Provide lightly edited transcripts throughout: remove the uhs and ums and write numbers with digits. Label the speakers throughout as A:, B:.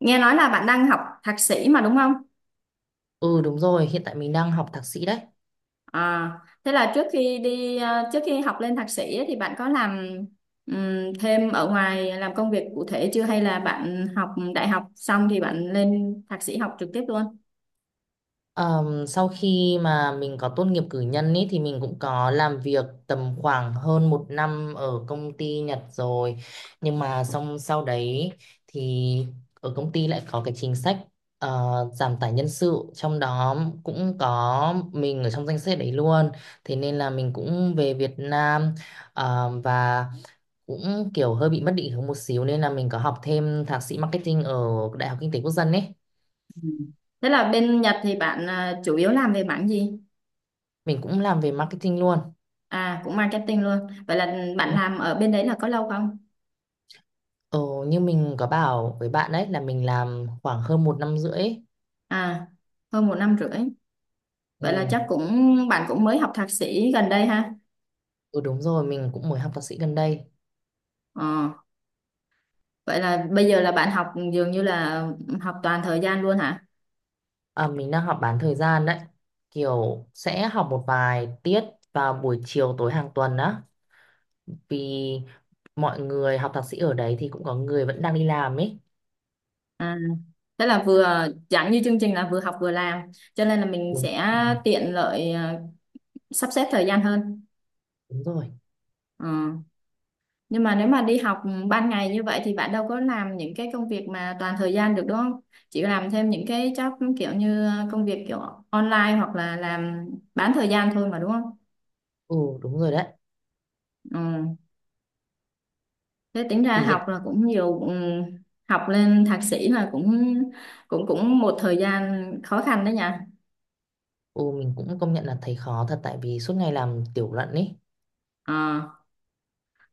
A: Nghe nói là bạn đang học thạc sĩ mà đúng không?
B: Ừ đúng rồi, hiện tại mình đang học thạc sĩ đấy.
A: À, thế là trước khi trước khi học lên thạc sĩ ấy, thì bạn có làm thêm ở ngoài làm công việc cụ thể chưa hay là bạn học đại học xong thì bạn lên thạc sĩ học trực tiếp luôn?
B: Sau khi mà mình có tốt nghiệp cử nhân ý, thì mình cũng có làm việc tầm khoảng hơn một năm ở công ty Nhật rồi. Nhưng mà xong sau đấy thì ở công ty lại có cái chính sách ờ, giảm tải nhân sự. Trong đó cũng có mình ở trong danh sách đấy luôn. Thế nên là mình cũng về Việt Nam và cũng kiểu hơi bị mất định hướng một xíu. Nên là mình có học thêm thạc sĩ marketing ở Đại học Kinh tế Quốc dân ý.
A: Ừ. Thế là bên Nhật thì bạn chủ yếu làm về mảng gì?
B: Mình cũng làm về marketing luôn.
A: À cũng marketing luôn. Vậy là bạn làm ở bên đấy là có lâu không?
B: Ờ, như mình có bảo với bạn đấy là mình làm khoảng hơn một năm rưỡi ấy.
A: À hơn 1 năm rưỡi. Vậy là
B: Ừ.
A: chắc cũng bạn cũng mới học thạc sĩ gần đây ha?
B: Ừ, đúng rồi, mình cũng mới học thạc sĩ gần đây.
A: Ờ. Vậy là bây giờ là bạn học dường như là học toàn thời gian luôn hả?
B: À, mình đang học bán thời gian đấy. Kiểu sẽ học một vài tiết vào buổi chiều tối hàng tuần á. Vì mọi người học thạc sĩ ở đấy thì cũng có người vẫn đang đi làm ấy.
A: À, thế là vừa chẳng như chương trình là vừa học vừa làm, cho nên là mình
B: Đúng,
A: sẽ tiện lợi sắp xếp thời gian hơn.
B: đúng rồi.
A: Ờ. Nhưng mà nếu mà đi học ban ngày như vậy thì bạn đâu có làm những cái công việc mà toàn thời gian được đúng không? Chỉ làm thêm những cái job kiểu như công việc kiểu online hoặc là làm bán thời gian thôi mà đúng không?
B: Ừ, đúng rồi đấy.
A: Ừ. Thế tính ra
B: Thì
A: học
B: hiện
A: là cũng nhiều học lên thạc sĩ là cũng cũng cũng một thời gian khó khăn đấy nha.
B: ừ, mình cũng công nhận là thấy khó thật tại vì suốt ngày làm tiểu luận ấy.
A: Ờ,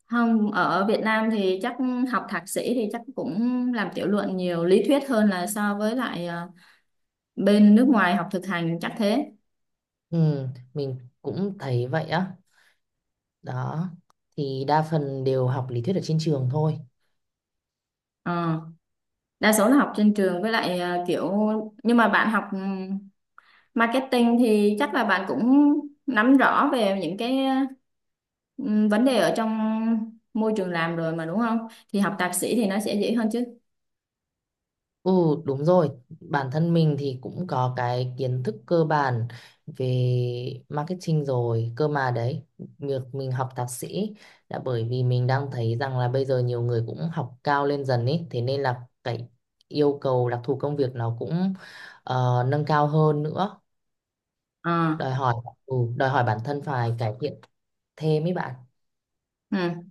A: không ở Việt Nam thì chắc học thạc sĩ thì chắc cũng làm tiểu luận nhiều lý thuyết hơn là so với lại bên nước ngoài học thực hành chắc thế.
B: Ừ, mình cũng thấy vậy á. Đó, thì đa phần đều học lý thuyết ở trên trường thôi.
A: Ờ, đa số là học trên trường với lại kiểu nhưng mà bạn học marketing thì chắc là bạn cũng nắm rõ về những cái ừ, vấn đề ở trong môi trường làm rồi mà đúng không? Thì học thạc sĩ thì nó sẽ dễ hơn chứ.
B: Ừ, đúng rồi. Bản thân mình thì cũng có cái kiến thức cơ bản về marketing rồi. Cơ mà đấy, việc mình học thạc sĩ là bởi vì mình đang thấy rằng là bây giờ nhiều người cũng học cao lên dần ý. Thế nên là cái yêu cầu đặc thù công việc nó cũng nâng cao hơn nữa.
A: Ờ,
B: Đòi hỏi, ừ, đòi hỏi bản thân phải cải thiện thêm ý bạn.
A: ừ.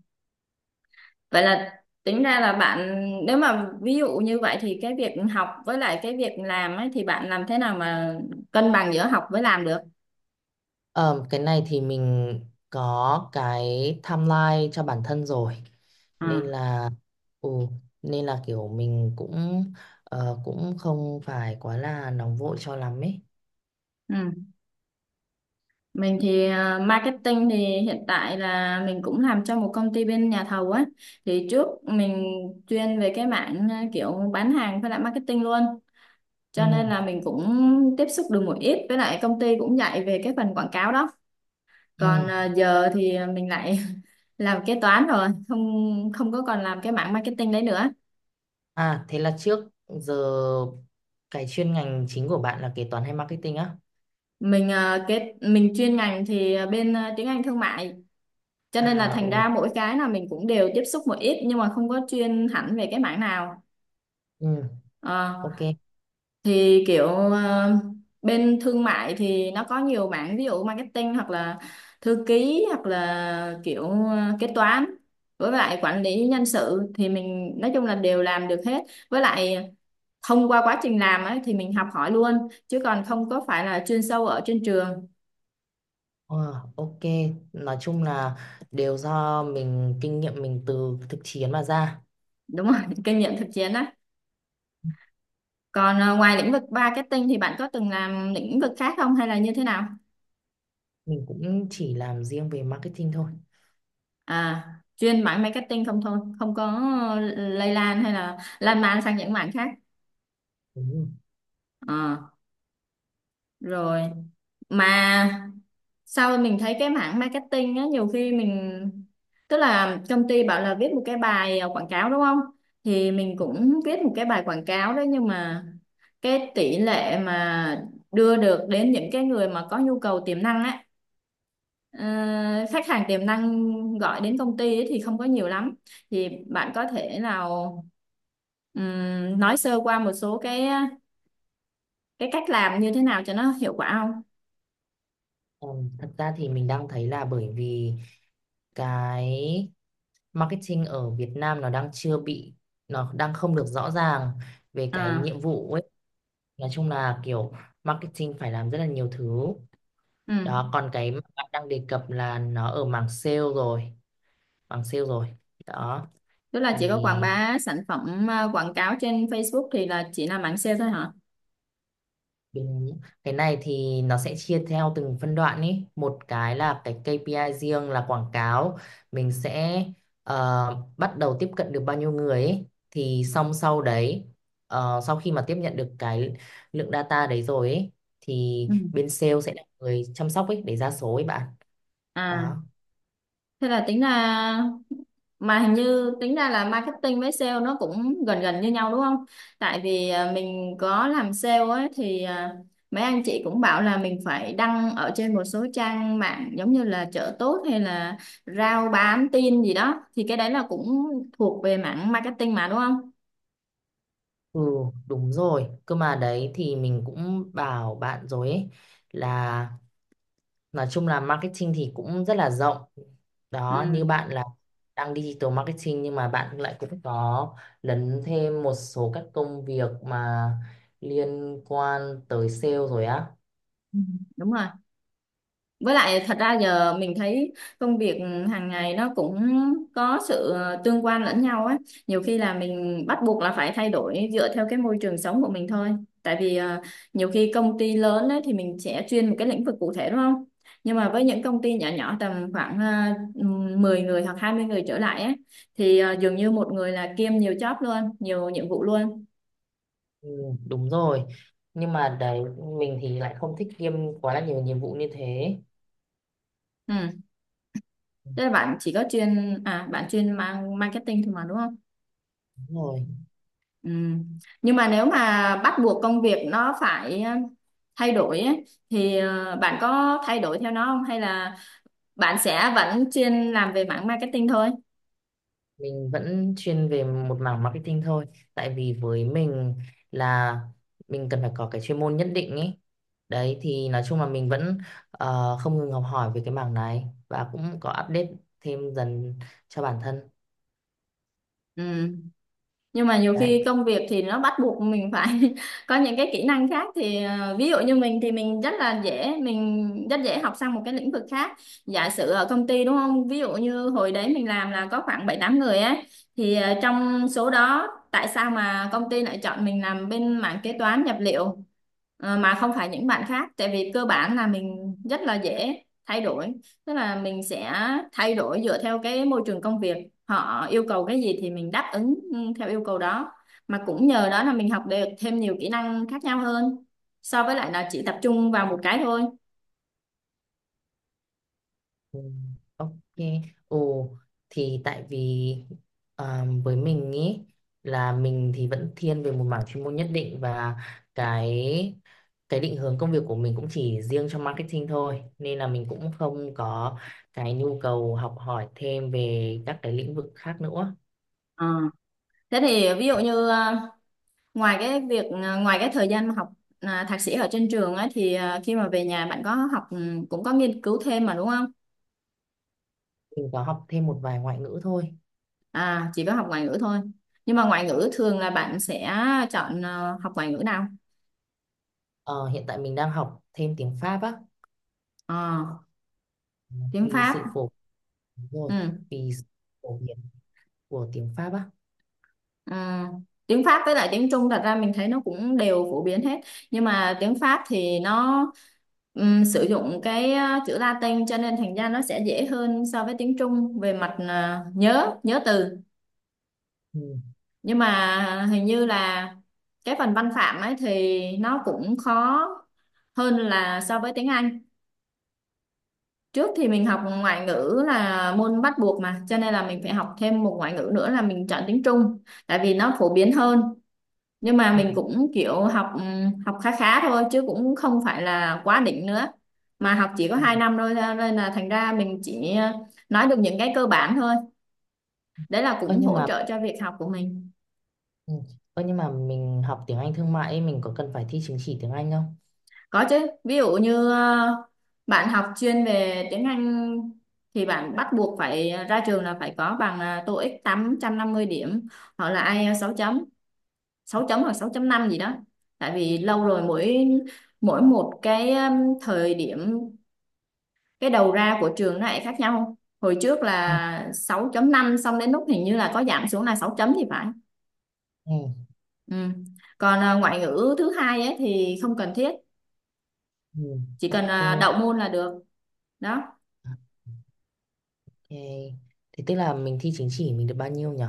A: Vậy là tính ra là bạn nếu mà ví dụ như vậy thì cái việc học với lại cái việc làm ấy thì bạn làm thế nào mà cân bằng giữa học với làm được?
B: Ờ, cái này thì mình có cái timeline cho bản thân rồi
A: Ờ,
B: nên là ừ, nên là kiểu mình cũng cũng không phải quá là nóng vội cho lắm ấy.
A: ừ. Mình thì marketing thì hiện tại là mình cũng làm cho một công ty bên nhà thầu á. Thì trước mình chuyên về cái mảng kiểu bán hàng với lại marketing luôn.
B: Ừ,
A: Cho nên là mình cũng tiếp xúc được một ít với lại công ty cũng dạy về cái phần quảng cáo đó. Còn
B: ừ.
A: giờ thì mình lại làm kế toán rồi, không không có còn làm cái mảng marketing đấy nữa.
B: À thế là trước giờ cái chuyên ngành chính của bạn là kế toán hay marketing á?
A: Mình cái mình chuyên ngành thì bên tiếng Anh thương mại cho nên là
B: À
A: thành
B: ừ,
A: ra mỗi cái là mình cũng đều tiếp xúc một ít nhưng mà không có chuyên hẳn về cái mảng nào.
B: ừ
A: Ờ,
B: ok.
A: thì kiểu bên thương mại thì nó có nhiều mảng ví dụ marketing hoặc là thư ký hoặc là kiểu kế toán với lại quản lý nhân sự thì mình nói chung là đều làm được hết với lại thông qua quá trình làm ấy thì mình học hỏi luôn chứ còn không có phải là chuyên sâu ở trên trường.
B: Ờ, ok, nói chung là đều do mình kinh nghiệm mình từ thực chiến mà ra.
A: Đúng rồi, kinh nghiệm thực chiến á. Còn ngoài lĩnh vực marketing thì bạn có từng làm lĩnh vực khác không hay là như thế nào?
B: Mình cũng chỉ làm riêng về marketing thôi.
A: À chuyên mảng marketing không thôi không có lây lan hay là lan man sang những mảng khác.
B: Đúng rồi.
A: Ờ, rồi mà sau mình thấy cái mảng marketing á nhiều khi mình tức là công ty bảo là viết một cái bài quảng cáo đúng không thì mình cũng viết một cái bài quảng cáo đấy nhưng mà cái tỷ lệ mà đưa được đến những cái người mà có nhu cầu tiềm năng á. Ờ, khách hàng tiềm năng gọi đến công ty ấy thì không có nhiều lắm, thì bạn có thể nào nói sơ qua một số cái cách làm như thế nào cho nó hiệu quả không?
B: Thật ra thì mình đang thấy là bởi vì cái marketing ở Việt Nam nó đang chưa bị nó đang không được rõ ràng về cái
A: À,
B: nhiệm vụ ấy. Nói chung là kiểu marketing phải làm rất là nhiều thứ.
A: ừ.
B: Đó, còn cái mà bạn đang đề cập là nó ở mảng sale rồi. Đó
A: Tức là chỉ có quảng
B: thì
A: bá sản phẩm quảng cáo trên Facebook thì là chỉ là mảng sale thôi hả?
B: đúng. Cái này thì nó sẽ chia theo từng phân đoạn ý. Một cái là cái KPI riêng là quảng cáo. Mình sẽ bắt đầu tiếp cận được bao nhiêu người ý. Thì xong sau đấy, sau khi mà tiếp nhận được cái lượng data đấy rồi ý, thì
A: Ừ.
B: bên sale sẽ là người chăm sóc ấy để ra số ấy bạn.
A: À,
B: Đó.
A: thế là tính ra mà hình như tính ra là marketing với sale nó cũng gần gần như nhau đúng không? Tại vì mình có làm sale ấy thì mấy anh chị cũng bảo là mình phải đăng ở trên một số trang mạng giống như là chợ tốt hay là rao bán tin gì đó thì cái đấy là cũng thuộc về mảng marketing mà đúng không?
B: Ừ, đúng rồi. Cơ mà đấy thì mình cũng bảo bạn rồi ấy là nói chung là marketing thì cũng rất là rộng.
A: Ừ.
B: Đó, như bạn là đang digital marketing nhưng mà bạn lại cũng có lấn thêm một số các công việc mà liên quan tới sale rồi á.
A: Ừ, đúng rồi. Với lại thật ra giờ mình thấy công việc hàng ngày nó cũng có sự tương quan lẫn nhau á. Nhiều khi là mình bắt buộc là phải thay đổi dựa theo cái môi trường sống của mình thôi. Tại vì nhiều khi công ty lớn ấy, thì mình sẽ chuyên một cái lĩnh vực cụ thể đúng không? Nhưng mà với những công ty nhỏ nhỏ tầm khoảng 10 người hoặc 20 người trở lại ấy, thì dường như một người là kiêm nhiều job luôn, nhiều nhiệm vụ luôn.
B: Ừ, đúng rồi. Nhưng mà đấy mình thì lại không thích kiêm quá là nhiều nhiệm vụ như thế.
A: Ừ.
B: Ừ,
A: Thế là bạn chỉ có chuyên à bạn chuyên mang marketing thôi mà đúng không?
B: đúng rồi.
A: Ừ. Nhưng mà nếu mà bắt buộc công việc nó phải thay đổi ấy, thì bạn có thay đổi theo nó không hay là bạn sẽ vẫn chuyên làm về mảng marketing thôi?
B: Mình vẫn chuyên về một mảng marketing thôi tại vì với mình là mình cần phải có cái chuyên môn nhất định ấy đấy thì nói chung là mình vẫn không ngừng học hỏi về cái mảng này và cũng có update thêm dần cho bản thân
A: Ừ. Nhưng mà nhiều
B: đấy.
A: khi công việc thì nó bắt buộc mình phải có những cái kỹ năng khác thì ví dụ như mình thì mình rất dễ học sang một cái lĩnh vực khác. Giả sử ở công ty đúng không, ví dụ như hồi đấy mình làm là có khoảng 7 8 người ấy, thì trong số đó tại sao mà công ty lại chọn mình làm bên mảng kế toán nhập liệu mà không phải những bạn khác, tại vì cơ bản là mình rất là dễ thay đổi, tức là mình sẽ thay đổi dựa theo cái môi trường công việc, họ yêu cầu cái gì thì mình đáp ứng theo yêu cầu đó, mà cũng nhờ đó là mình học được thêm nhiều kỹ năng khác nhau hơn so với lại là chỉ tập trung vào một cái thôi.
B: Ừ, ok. Ồ thì tại vì à, với mình ý là mình thì vẫn thiên về một mảng chuyên môn nhất định và cái cái định hướng công việc của mình cũng chỉ riêng cho marketing thôi nên là mình cũng không có cái nhu cầu học hỏi thêm về các cái lĩnh vực khác nữa.
A: Ờ. Thế thì ví dụ như ngoài cái việc ngoài cái thời gian mà học thạc sĩ ở trên trường ấy, thì khi mà về nhà bạn có học cũng có nghiên cứu thêm mà đúng không?
B: Mình có học thêm một vài ngoại ngữ thôi.
A: À chỉ có học ngoại ngữ thôi, nhưng mà ngoại ngữ thường là bạn sẽ chọn học ngoại ngữ nào?
B: Ờ, hiện tại mình đang học thêm tiếng Pháp á
A: Ờ, tiếng
B: vì
A: Pháp.
B: sự phổ đúng rồi
A: Ừ.
B: vì sự phổ biến của tiếng Pháp á.
A: À, tiếng Pháp với lại tiếng Trung thật ra mình thấy nó cũng đều phổ biến hết, nhưng mà tiếng Pháp thì nó sử dụng cái chữ Latin cho nên thành ra nó sẽ dễ hơn so với tiếng Trung về mặt nhớ nhớ từ.
B: Ừ.
A: Nhưng mà hình như là cái phần văn phạm ấy thì nó cũng khó hơn là so với tiếng Anh. Trước thì mình học ngoại ngữ là môn bắt buộc mà, cho nên là mình phải học thêm một ngoại ngữ nữa là mình chọn tiếng Trung, tại vì nó phổ biến hơn. Nhưng mà
B: Ừ.
A: mình cũng kiểu học học khá khá thôi chứ cũng không phải là quá đỉnh nữa, mà học chỉ có
B: ừ.
A: 2 năm thôi nên là thành ra mình chỉ nói được những cái cơ bản thôi, đấy là
B: Ơ
A: cũng
B: nhưng
A: hỗ
B: mà
A: trợ cho việc học của mình.
B: ừ. Ơ, nhưng mà mình học tiếng Anh thương mại ấy, mình có cần phải thi chứng chỉ tiếng Anh không?
A: Có chứ, ví dụ như bạn học chuyên về tiếng Anh thì bạn bắt buộc phải ra trường là phải có bằng TOEIC 850 điểm hoặc là IELTS sáu chấm hoặc 6.5 gì đó, tại vì lâu rồi, mỗi mỗi một cái thời điểm cái đầu ra của trường nó lại khác nhau. Không? Hồi trước
B: Ừ.
A: là 6.5, xong đến lúc hình như là có giảm xuống là 6 chấm thì phải.
B: ừ.
A: Ừ. Còn ngoại ngữ thứ hai ấy thì không cần thiết,
B: Ừ.
A: chỉ cần
B: Ok,
A: đậu môn là được. Đó,
B: ok. Thế tức là mình thi chứng chỉ mình được bao nhiêu nhỉ?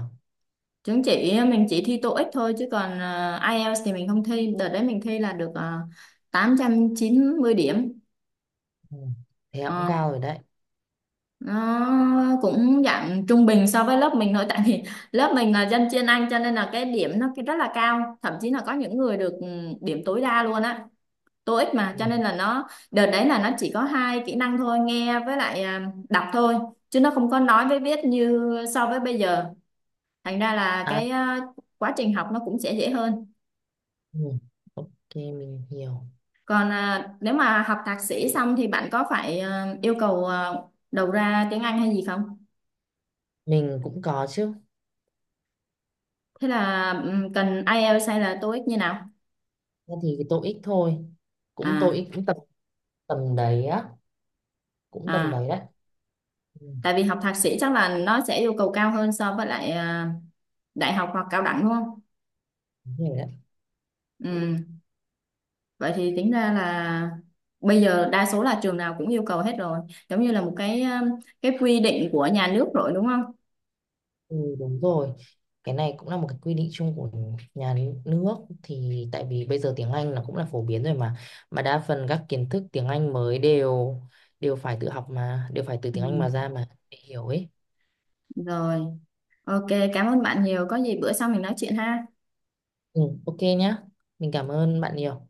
A: chứng chỉ mình chỉ thi TOEIC thôi chứ còn IELTS thì mình không thi, đợt đấy mình thi là được 890 điểm.
B: Ừ. Thế cũng
A: Ờ,
B: cao rồi đấy.
A: nó cũng dạng trung bình so với lớp mình thôi tại vì lớp mình là dân chuyên Anh cho nên là cái điểm nó cái rất là cao, thậm chí là có những người được điểm tối đa luôn á TOEIC, mà
B: Ừ.
A: cho nên là nó đợt đấy là nó chỉ có 2 kỹ năng thôi nghe với lại đọc thôi, chứ nó không có nói với viết như so với bây giờ, thành ra là
B: À,
A: cái quá trình học nó cũng sẽ dễ hơn.
B: ừ. Ok, mình hiểu.
A: Còn nếu mà học thạc sĩ xong thì bạn có phải yêu cầu đầu ra tiếng Anh hay gì không?
B: Mình cũng có chứ.
A: Thế là cần IELTS hay là TOEIC như nào
B: Thế thì cái TOEIC thôi. Cũng
A: à?
B: TOEIC cũng tầm tầm đấy á. Cũng tầm
A: À,
B: đấy đấy. Ừ.
A: tại vì học thạc sĩ chắc là nó sẽ yêu cầu cao hơn so với lại đại học hoặc cao đẳng đúng không?
B: Đúng rồi đấy.
A: Ừ. Vậy thì tính ra là bây giờ đa số là trường nào cũng yêu cầu hết rồi, giống như là một cái quy định của nhà nước rồi đúng không?
B: Ừ, đúng rồi. Cái này cũng là một cái quy định chung của nhà nước thì tại vì bây giờ tiếng Anh là cũng là phổ biến rồi mà đa phần các kiến thức tiếng Anh mới đều đều phải tự học mà đều phải từ
A: Ừ.
B: tiếng Anh mà ra mà để hiểu ấy.
A: Rồi, ok, cảm ơn bạn nhiều. Có gì bữa sau mình nói chuyện ha.
B: Ừ, ok nhá. Mình cảm ơn bạn nhiều.